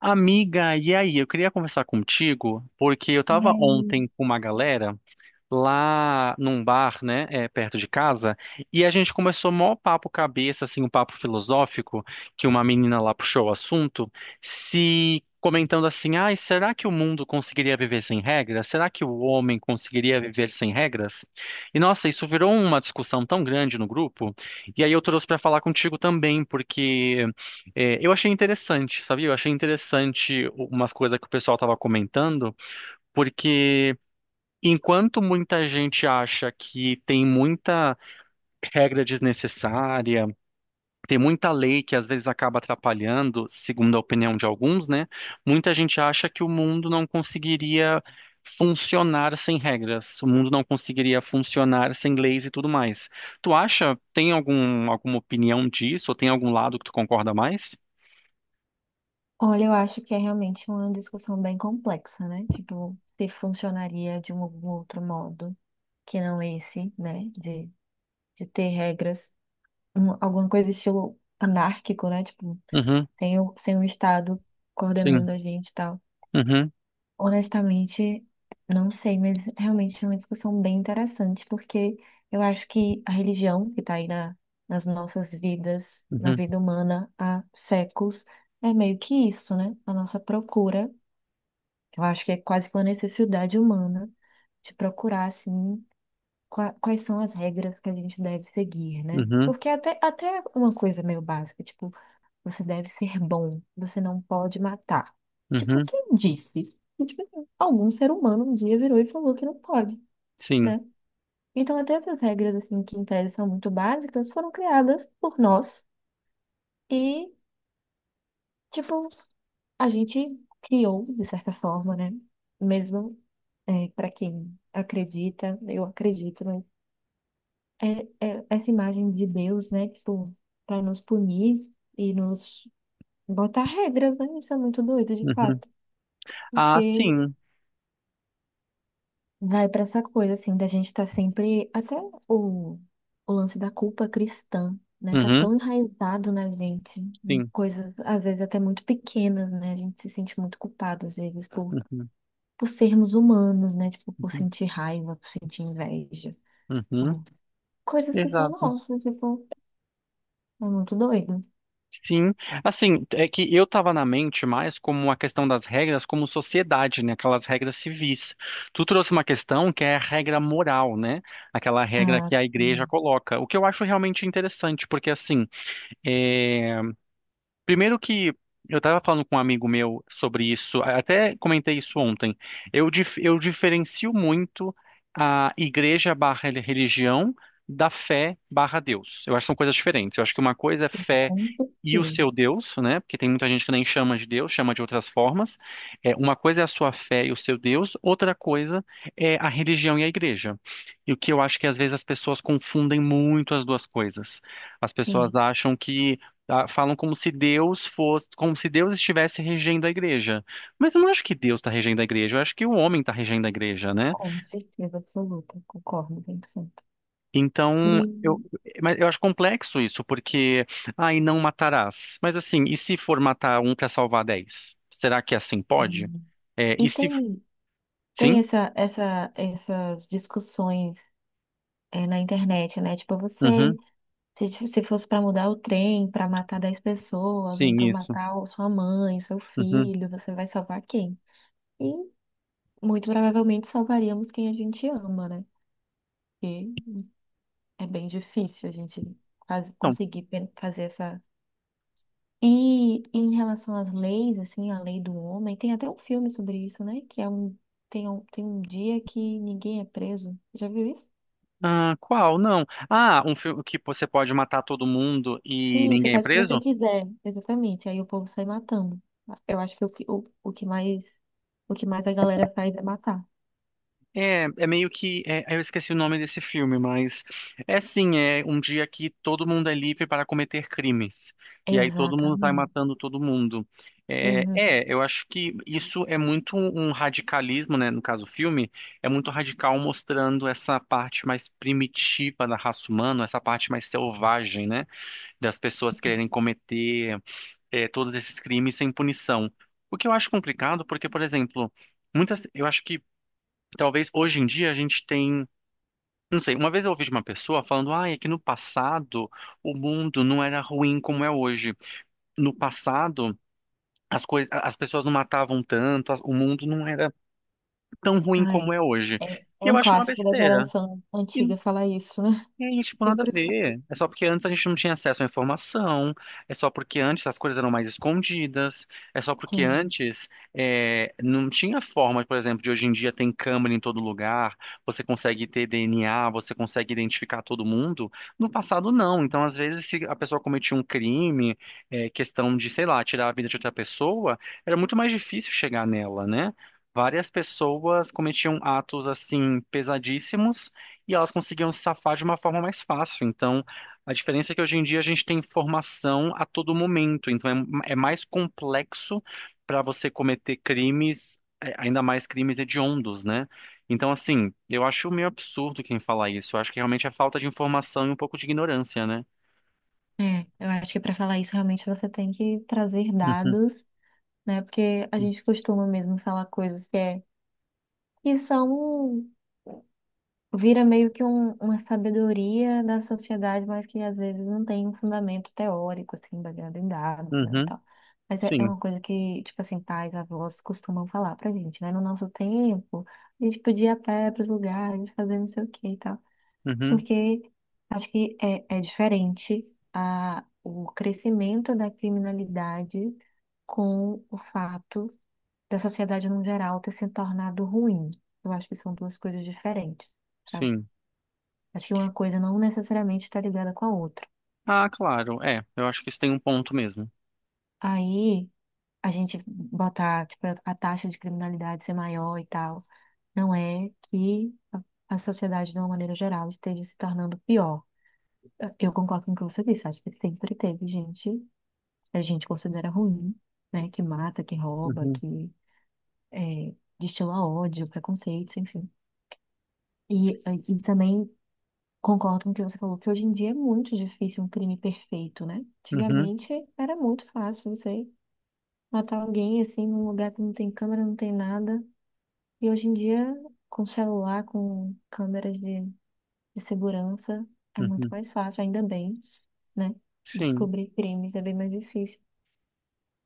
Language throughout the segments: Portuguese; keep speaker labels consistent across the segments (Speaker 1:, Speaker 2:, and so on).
Speaker 1: Amiga, e aí? Eu queria conversar contigo porque eu
Speaker 2: E
Speaker 1: tava
Speaker 2: aí,
Speaker 1: ontem com uma galera lá num bar, né, perto de casa, e a gente começou mó papo cabeça, assim, um papo filosófico, que uma menina lá puxou o assunto, se comentando assim, ai, será que o mundo conseguiria viver sem regras? Será que o homem conseguiria viver sem regras? E nossa, isso virou uma discussão tão grande no grupo, e aí eu trouxe para falar contigo também, porque eu achei interessante, sabia? Eu achei interessante umas coisas que o pessoal estava comentando, porque enquanto muita gente acha que tem muita regra desnecessária, tem muita lei que às vezes acaba atrapalhando, segundo a opinião de alguns, né? Muita gente acha que o mundo não conseguiria funcionar sem regras, o mundo não conseguiria funcionar sem leis e tudo mais. Tem alguma opinião disso, ou tem algum lado que tu concorda mais?
Speaker 2: olha, eu acho que é realmente uma discussão bem complexa, né? Tipo, se funcionaria de um outro modo, que não esse, né? De ter regras, alguma coisa estilo anárquico, né? Tipo,
Speaker 1: Uhum,
Speaker 2: sem o Estado
Speaker 1: sim.
Speaker 2: coordenando a gente e tal.
Speaker 1: Uhum,
Speaker 2: Honestamente, não sei, mas realmente é uma discussão bem interessante, porque eu acho que a religião que está aí nas nossas vidas, na
Speaker 1: uhum,
Speaker 2: vida humana há séculos, é meio que isso, né? A nossa procura. Eu acho que é quase que uma necessidade humana de procurar, assim, quais são as regras que a gente deve seguir, né?
Speaker 1: uhum,
Speaker 2: Porque até é uma coisa meio básica, tipo, você deve ser bom, você não pode matar. Tipo,
Speaker 1: uhum,
Speaker 2: quem disse? E, tipo assim, algum ser humano um dia virou e falou que não pode,
Speaker 1: sim.
Speaker 2: né? Então, até essas regras, assim, que em tese são muito básicas, foram criadas por nós e, tipo, a gente criou, de certa forma, né? Mesmo é, para quem acredita, eu acredito, mas é, é essa imagem de Deus, né? Tipo, para nos punir e nos botar regras, né? Isso é muito doido, de
Speaker 1: Uhum.
Speaker 2: fato,
Speaker 1: Ah,
Speaker 2: porque
Speaker 1: sim.
Speaker 2: vai pra essa coisa, assim, da gente estar sempre. Até o, o lance da culpa cristã, né? Tá
Speaker 1: Uhum,
Speaker 2: tão enraizado na gente, em
Speaker 1: sim.
Speaker 2: coisas, às vezes, até muito pequenas, né? A gente se sente muito culpado, às vezes,
Speaker 1: Uhum.
Speaker 2: por sermos humanos, né? Tipo, por sentir raiva, por sentir inveja,
Speaker 1: Uhum,
Speaker 2: por coisas que são
Speaker 1: exato.
Speaker 2: nossas, tipo, é muito doido.
Speaker 1: Sim, assim, é que eu tava na mente mais como a questão das regras como sociedade, né? Aquelas regras civis. Tu trouxe uma questão que é a regra moral, né? Aquela regra
Speaker 2: Ah,
Speaker 1: que a igreja
Speaker 2: sim,
Speaker 1: coloca, o que eu acho realmente interessante, porque assim, eh, primeiro que eu estava falando com um amigo meu sobre isso, até comentei isso ontem. Eu diferencio muito a igreja barra religião da fé barra Deus. Eu acho que são coisas diferentes. Eu acho que uma coisa é fé
Speaker 2: com
Speaker 1: e o
Speaker 2: certeza.
Speaker 1: seu Deus, né? Porque tem muita gente que nem chama de Deus, chama de outras formas. É, uma coisa é a sua fé e o seu Deus, outra coisa é a religião e a igreja. E o que eu acho que às vezes as pessoas confundem muito as duas coisas. As pessoas
Speaker 2: Sim,
Speaker 1: acham que tá? Falam como se Deus fosse, como se Deus estivesse regendo a igreja. Mas eu não acho que Deus está regendo a igreja, eu acho que o homem está regendo a igreja, né?
Speaker 2: com certeza absoluta, concordo 100%.
Speaker 1: Então,
Speaker 2: E,
Speaker 1: mas eu acho complexo isso, porque, ah, e não matarás. Mas assim, e se for matar um para salvar dez? Será que é assim pode? É, e
Speaker 2: e
Speaker 1: se,
Speaker 2: tem. Tem
Speaker 1: sim?
Speaker 2: essas discussões é, na internet, né? Tipo, você,
Speaker 1: Uhum.
Speaker 2: se fosse para mudar o trem, para matar 10 pessoas, ou
Speaker 1: Sim,
Speaker 2: então
Speaker 1: isso.
Speaker 2: matar sua mãe, seu
Speaker 1: Uhum.
Speaker 2: filho, você vai salvar quem? E muito provavelmente salvaríamos quem a gente ama, né? Porque é bem difícil a gente
Speaker 1: Então,
Speaker 2: conseguir fazer essa. E em relação às leis, assim, a lei do homem, tem até um filme sobre isso, né? Que é um, tem um dia que ninguém é preso. Já viu isso?
Speaker 1: ah, qual? Não. Ah, um filme que você pode matar todo mundo e
Speaker 2: Sim, você
Speaker 1: ninguém é
Speaker 2: faz o que você
Speaker 1: preso?
Speaker 2: quiser, exatamente. Aí o povo sai matando. Eu acho que o que mais a galera faz é matar.
Speaker 1: É meio que. Eu esqueci o nome desse filme, mas é assim: é um dia que todo mundo é livre para cometer crimes. E aí todo mundo vai
Speaker 2: Exatamente.
Speaker 1: matando todo mundo. É,
Speaker 2: Uhum.
Speaker 1: é, eu acho que isso é muito um radicalismo, né? No caso, o filme é muito radical mostrando essa parte mais primitiva da raça humana, essa parte mais selvagem, né? Das pessoas quererem cometer, todos esses crimes sem punição. O que eu acho complicado, porque, por exemplo. Eu acho que talvez hoje em dia a gente tem, não sei, uma vez eu ouvi de uma pessoa falando, ah, é que no passado o mundo não era ruim como é hoje. No passado as coisas, as pessoas não matavam tanto, o mundo não era tão ruim
Speaker 2: Ah, é.
Speaker 1: como é hoje.
Speaker 2: É,
Speaker 1: E
Speaker 2: é
Speaker 1: eu
Speaker 2: um
Speaker 1: acho uma
Speaker 2: clássico da
Speaker 1: besteira.
Speaker 2: geração antiga falar isso, né?
Speaker 1: E aí, tipo, nada a
Speaker 2: Sempre. Fala.
Speaker 1: ver. É só porque antes a gente não tinha acesso à informação, é só porque antes as coisas eram mais escondidas, é só porque
Speaker 2: Sim.
Speaker 1: antes não tinha forma, por exemplo, de hoje em dia tem câmera em todo lugar, você consegue ter DNA, você consegue identificar todo mundo. No passado, não. Então, às vezes, se a pessoa cometia um crime, questão de, sei lá, tirar a vida de outra pessoa, era muito mais difícil chegar nela, né? Várias pessoas cometiam atos assim pesadíssimos e elas conseguiam se safar de uma forma mais fácil. Então, a diferença é que hoje em dia a gente tem informação a todo momento, então é mais complexo para você cometer crimes, ainda mais crimes hediondos, né? Então, assim, eu acho meio absurdo quem fala isso. Eu acho que realmente é falta de informação e um pouco de ignorância, né?
Speaker 2: É, eu acho que para falar isso realmente você tem que trazer
Speaker 1: Uhum,
Speaker 2: dados, né? Porque a gente costuma mesmo falar coisas que, é, que são. Vira meio que uma sabedoria da sociedade, mas que às vezes não tem um fundamento teórico, assim, baseado em dados, né, e
Speaker 1: uhum,
Speaker 2: tal. Mas é, é
Speaker 1: sim,
Speaker 2: uma coisa que, tipo assim, pais, avós costumam falar pra gente, né? No nosso tempo, a gente podia ir a pé pros lugares, fazer não sei o que e tal.
Speaker 1: uhum,
Speaker 2: Porque acho que é, é diferente a, o crescimento da criminalidade com o fato da sociedade no geral ter se tornado ruim. Eu acho que são duas coisas diferentes. Sabe?
Speaker 1: sim.
Speaker 2: Acho que uma coisa não necessariamente está ligada com a outra.
Speaker 1: Ah, claro, é, eu acho que isso tem um ponto mesmo.
Speaker 2: Aí, a gente botar, tipo, a taxa de criminalidade ser maior e tal, não é que a sociedade, de uma maneira geral, esteja se tornando pior. Eu concordo com o que você disse. Acho que sempre teve gente, a gente considera ruim, né? Que mata, que rouba,
Speaker 1: Uhum,
Speaker 2: que é, destila ódio, preconceitos, enfim. E, e também concordo com o que você falou, que hoje em dia é muito difícil um crime perfeito, né?
Speaker 1: uhum,
Speaker 2: Antigamente era muito fácil você matar alguém assim num lugar que não tem câmera, não tem nada. E hoje em dia, com celular, com câmeras de segurança, é muito
Speaker 1: uhum,
Speaker 2: mais fácil, ainda bem, né?
Speaker 1: sim.
Speaker 2: Descobrir crimes é bem mais difícil.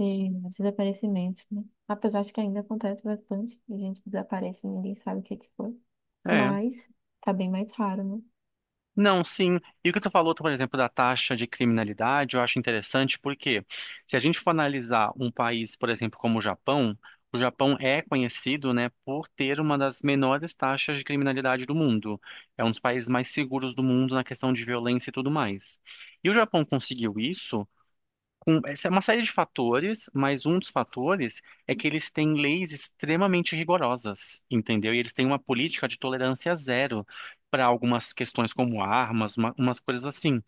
Speaker 2: E desaparecimentos, né? Apesar de que ainda acontece bastante, a gente desaparece e ninguém sabe o que que foi.
Speaker 1: É.
Speaker 2: Mas tá bem mais raro, né?
Speaker 1: Não, sim. E o que tu falou, tu, por exemplo, da taxa de criminalidade, eu acho interessante porque se a gente for analisar um país, por exemplo, como o Japão é conhecido, né, por ter uma das menores taxas de criminalidade do mundo. É um dos países mais seguros do mundo na questão de violência e tudo mais. E o Japão conseguiu isso essa é uma série de fatores, mas um dos fatores é que eles têm leis extremamente rigorosas, entendeu? E eles têm uma política de tolerância zero para algumas questões como armas, umas coisas assim.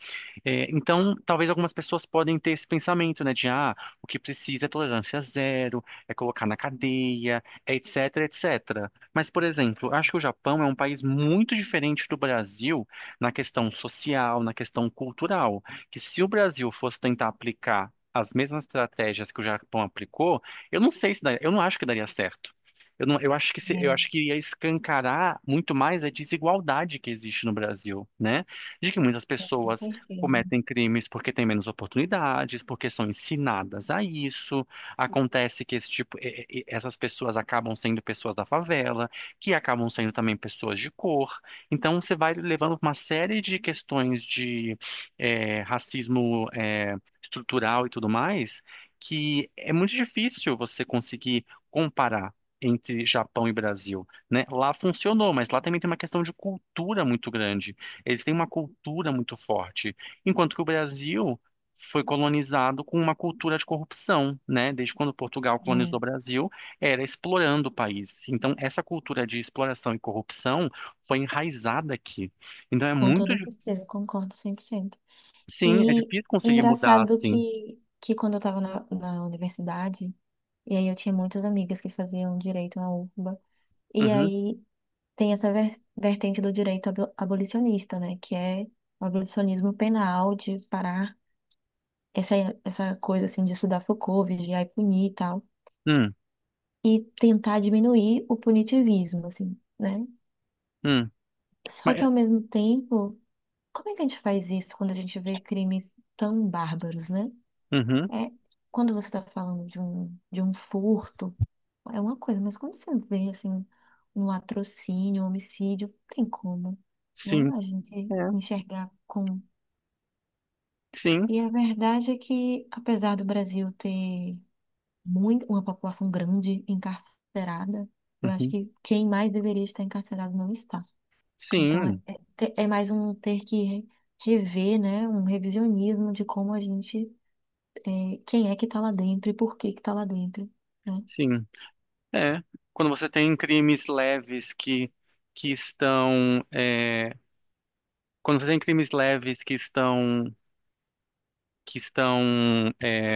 Speaker 1: É, então, talvez algumas pessoas podem ter esse pensamento, né, de ah, o que precisa é tolerância zero, é colocar na cadeia, é etc, etc. Mas, por exemplo, acho que o Japão é um país muito diferente do Brasil na questão social, na questão cultural que se o Brasil fosse tentar aplicar as mesmas estratégias que o Japão aplicou, eu não sei se daria, eu não acho que daria certo. Eu não, eu acho que
Speaker 2: É,
Speaker 1: ia escancarar muito mais a desigualdade que existe no Brasil, né? De que muitas
Speaker 2: com
Speaker 1: pessoas
Speaker 2: certeza.
Speaker 1: cometem crimes porque têm menos oportunidades, porque são ensinadas a isso. Acontece que esse tipo, essas pessoas acabam sendo pessoas da favela, que acabam sendo também pessoas de cor. Então você vai levando uma série de questões de racismo estrutural e tudo mais, que é muito difícil você conseguir comparar entre Japão e Brasil, né? Lá funcionou, mas lá também tem uma questão de cultura muito grande. Eles têm uma cultura muito forte, enquanto que o Brasil foi colonizado com uma cultura de corrupção, né? Desde quando Portugal colonizou
Speaker 2: É.
Speaker 1: o Brasil, era explorando o país. Então, essa cultura de exploração e corrupção foi enraizada aqui. Então, é
Speaker 2: Com
Speaker 1: muito.
Speaker 2: toda certeza, concordo cem por cento.
Speaker 1: Sim, é
Speaker 2: E
Speaker 1: difícil conseguir mudar,
Speaker 2: engraçado
Speaker 1: sim.
Speaker 2: que quando eu estava na universidade, e aí eu tinha muitas amigas que faziam direito na UFBA. E
Speaker 1: Uhum.
Speaker 2: aí tem essa vertente do direito abolicionista, né? Que é o abolicionismo penal, de parar essa, essa coisa, assim, de estudar Foucault, vigiar e punir e tal.
Speaker 1: Hum,
Speaker 2: E tentar diminuir o punitivismo, assim, né?
Speaker 1: hum.
Speaker 2: Só
Speaker 1: Mas,
Speaker 2: que ao mesmo tempo, como é que a gente faz isso quando a gente vê crimes tão bárbaros, né?
Speaker 1: uhum.
Speaker 2: É, quando você está falando de um furto é uma coisa, mas quando você vê assim um latrocínio, um homicídio, não tem como, né?
Speaker 1: Sim.
Speaker 2: A gente
Speaker 1: É.
Speaker 2: enxergar com.
Speaker 1: Sim.
Speaker 2: E a verdade é que, apesar do Brasil ter muito, uma população grande encarcerada, eu acho
Speaker 1: Uhum.
Speaker 2: que quem mais deveria estar encarcerado não está. Então
Speaker 1: Sim.
Speaker 2: é mais um ter que rever, né? Um revisionismo de como a gente, é, quem é que está lá dentro e por que que está lá dentro, né?
Speaker 1: Sim. É. Quando você tem crimes leves que estão. Quando você tem crimes leves que estão. Que estão.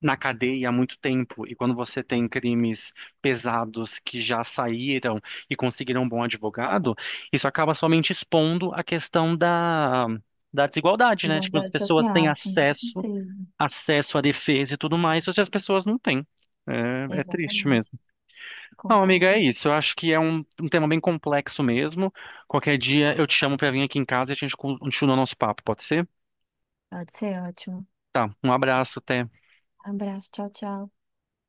Speaker 1: Na cadeia há muito tempo, e quando você tem crimes pesados que já saíram e conseguiram um bom advogado, isso acaba somente expondo a questão da desigualdade, né? Tipo, as
Speaker 2: Diversidade
Speaker 1: pessoas têm
Speaker 2: social, sim, com
Speaker 1: acesso,
Speaker 2: certeza.
Speaker 1: acesso à defesa e tudo mais, só que as pessoas não têm. É, é triste
Speaker 2: Exatamente.
Speaker 1: mesmo. Não, amiga, é
Speaker 2: Concordo.
Speaker 1: isso. Eu acho que é um tema bem complexo mesmo. Qualquer dia eu te chamo pra vir aqui em casa e a gente continua o nosso papo, pode ser?
Speaker 2: Pode ser ótimo.
Speaker 1: Tá, um abraço, até.
Speaker 2: Abraço, tchau, tchau.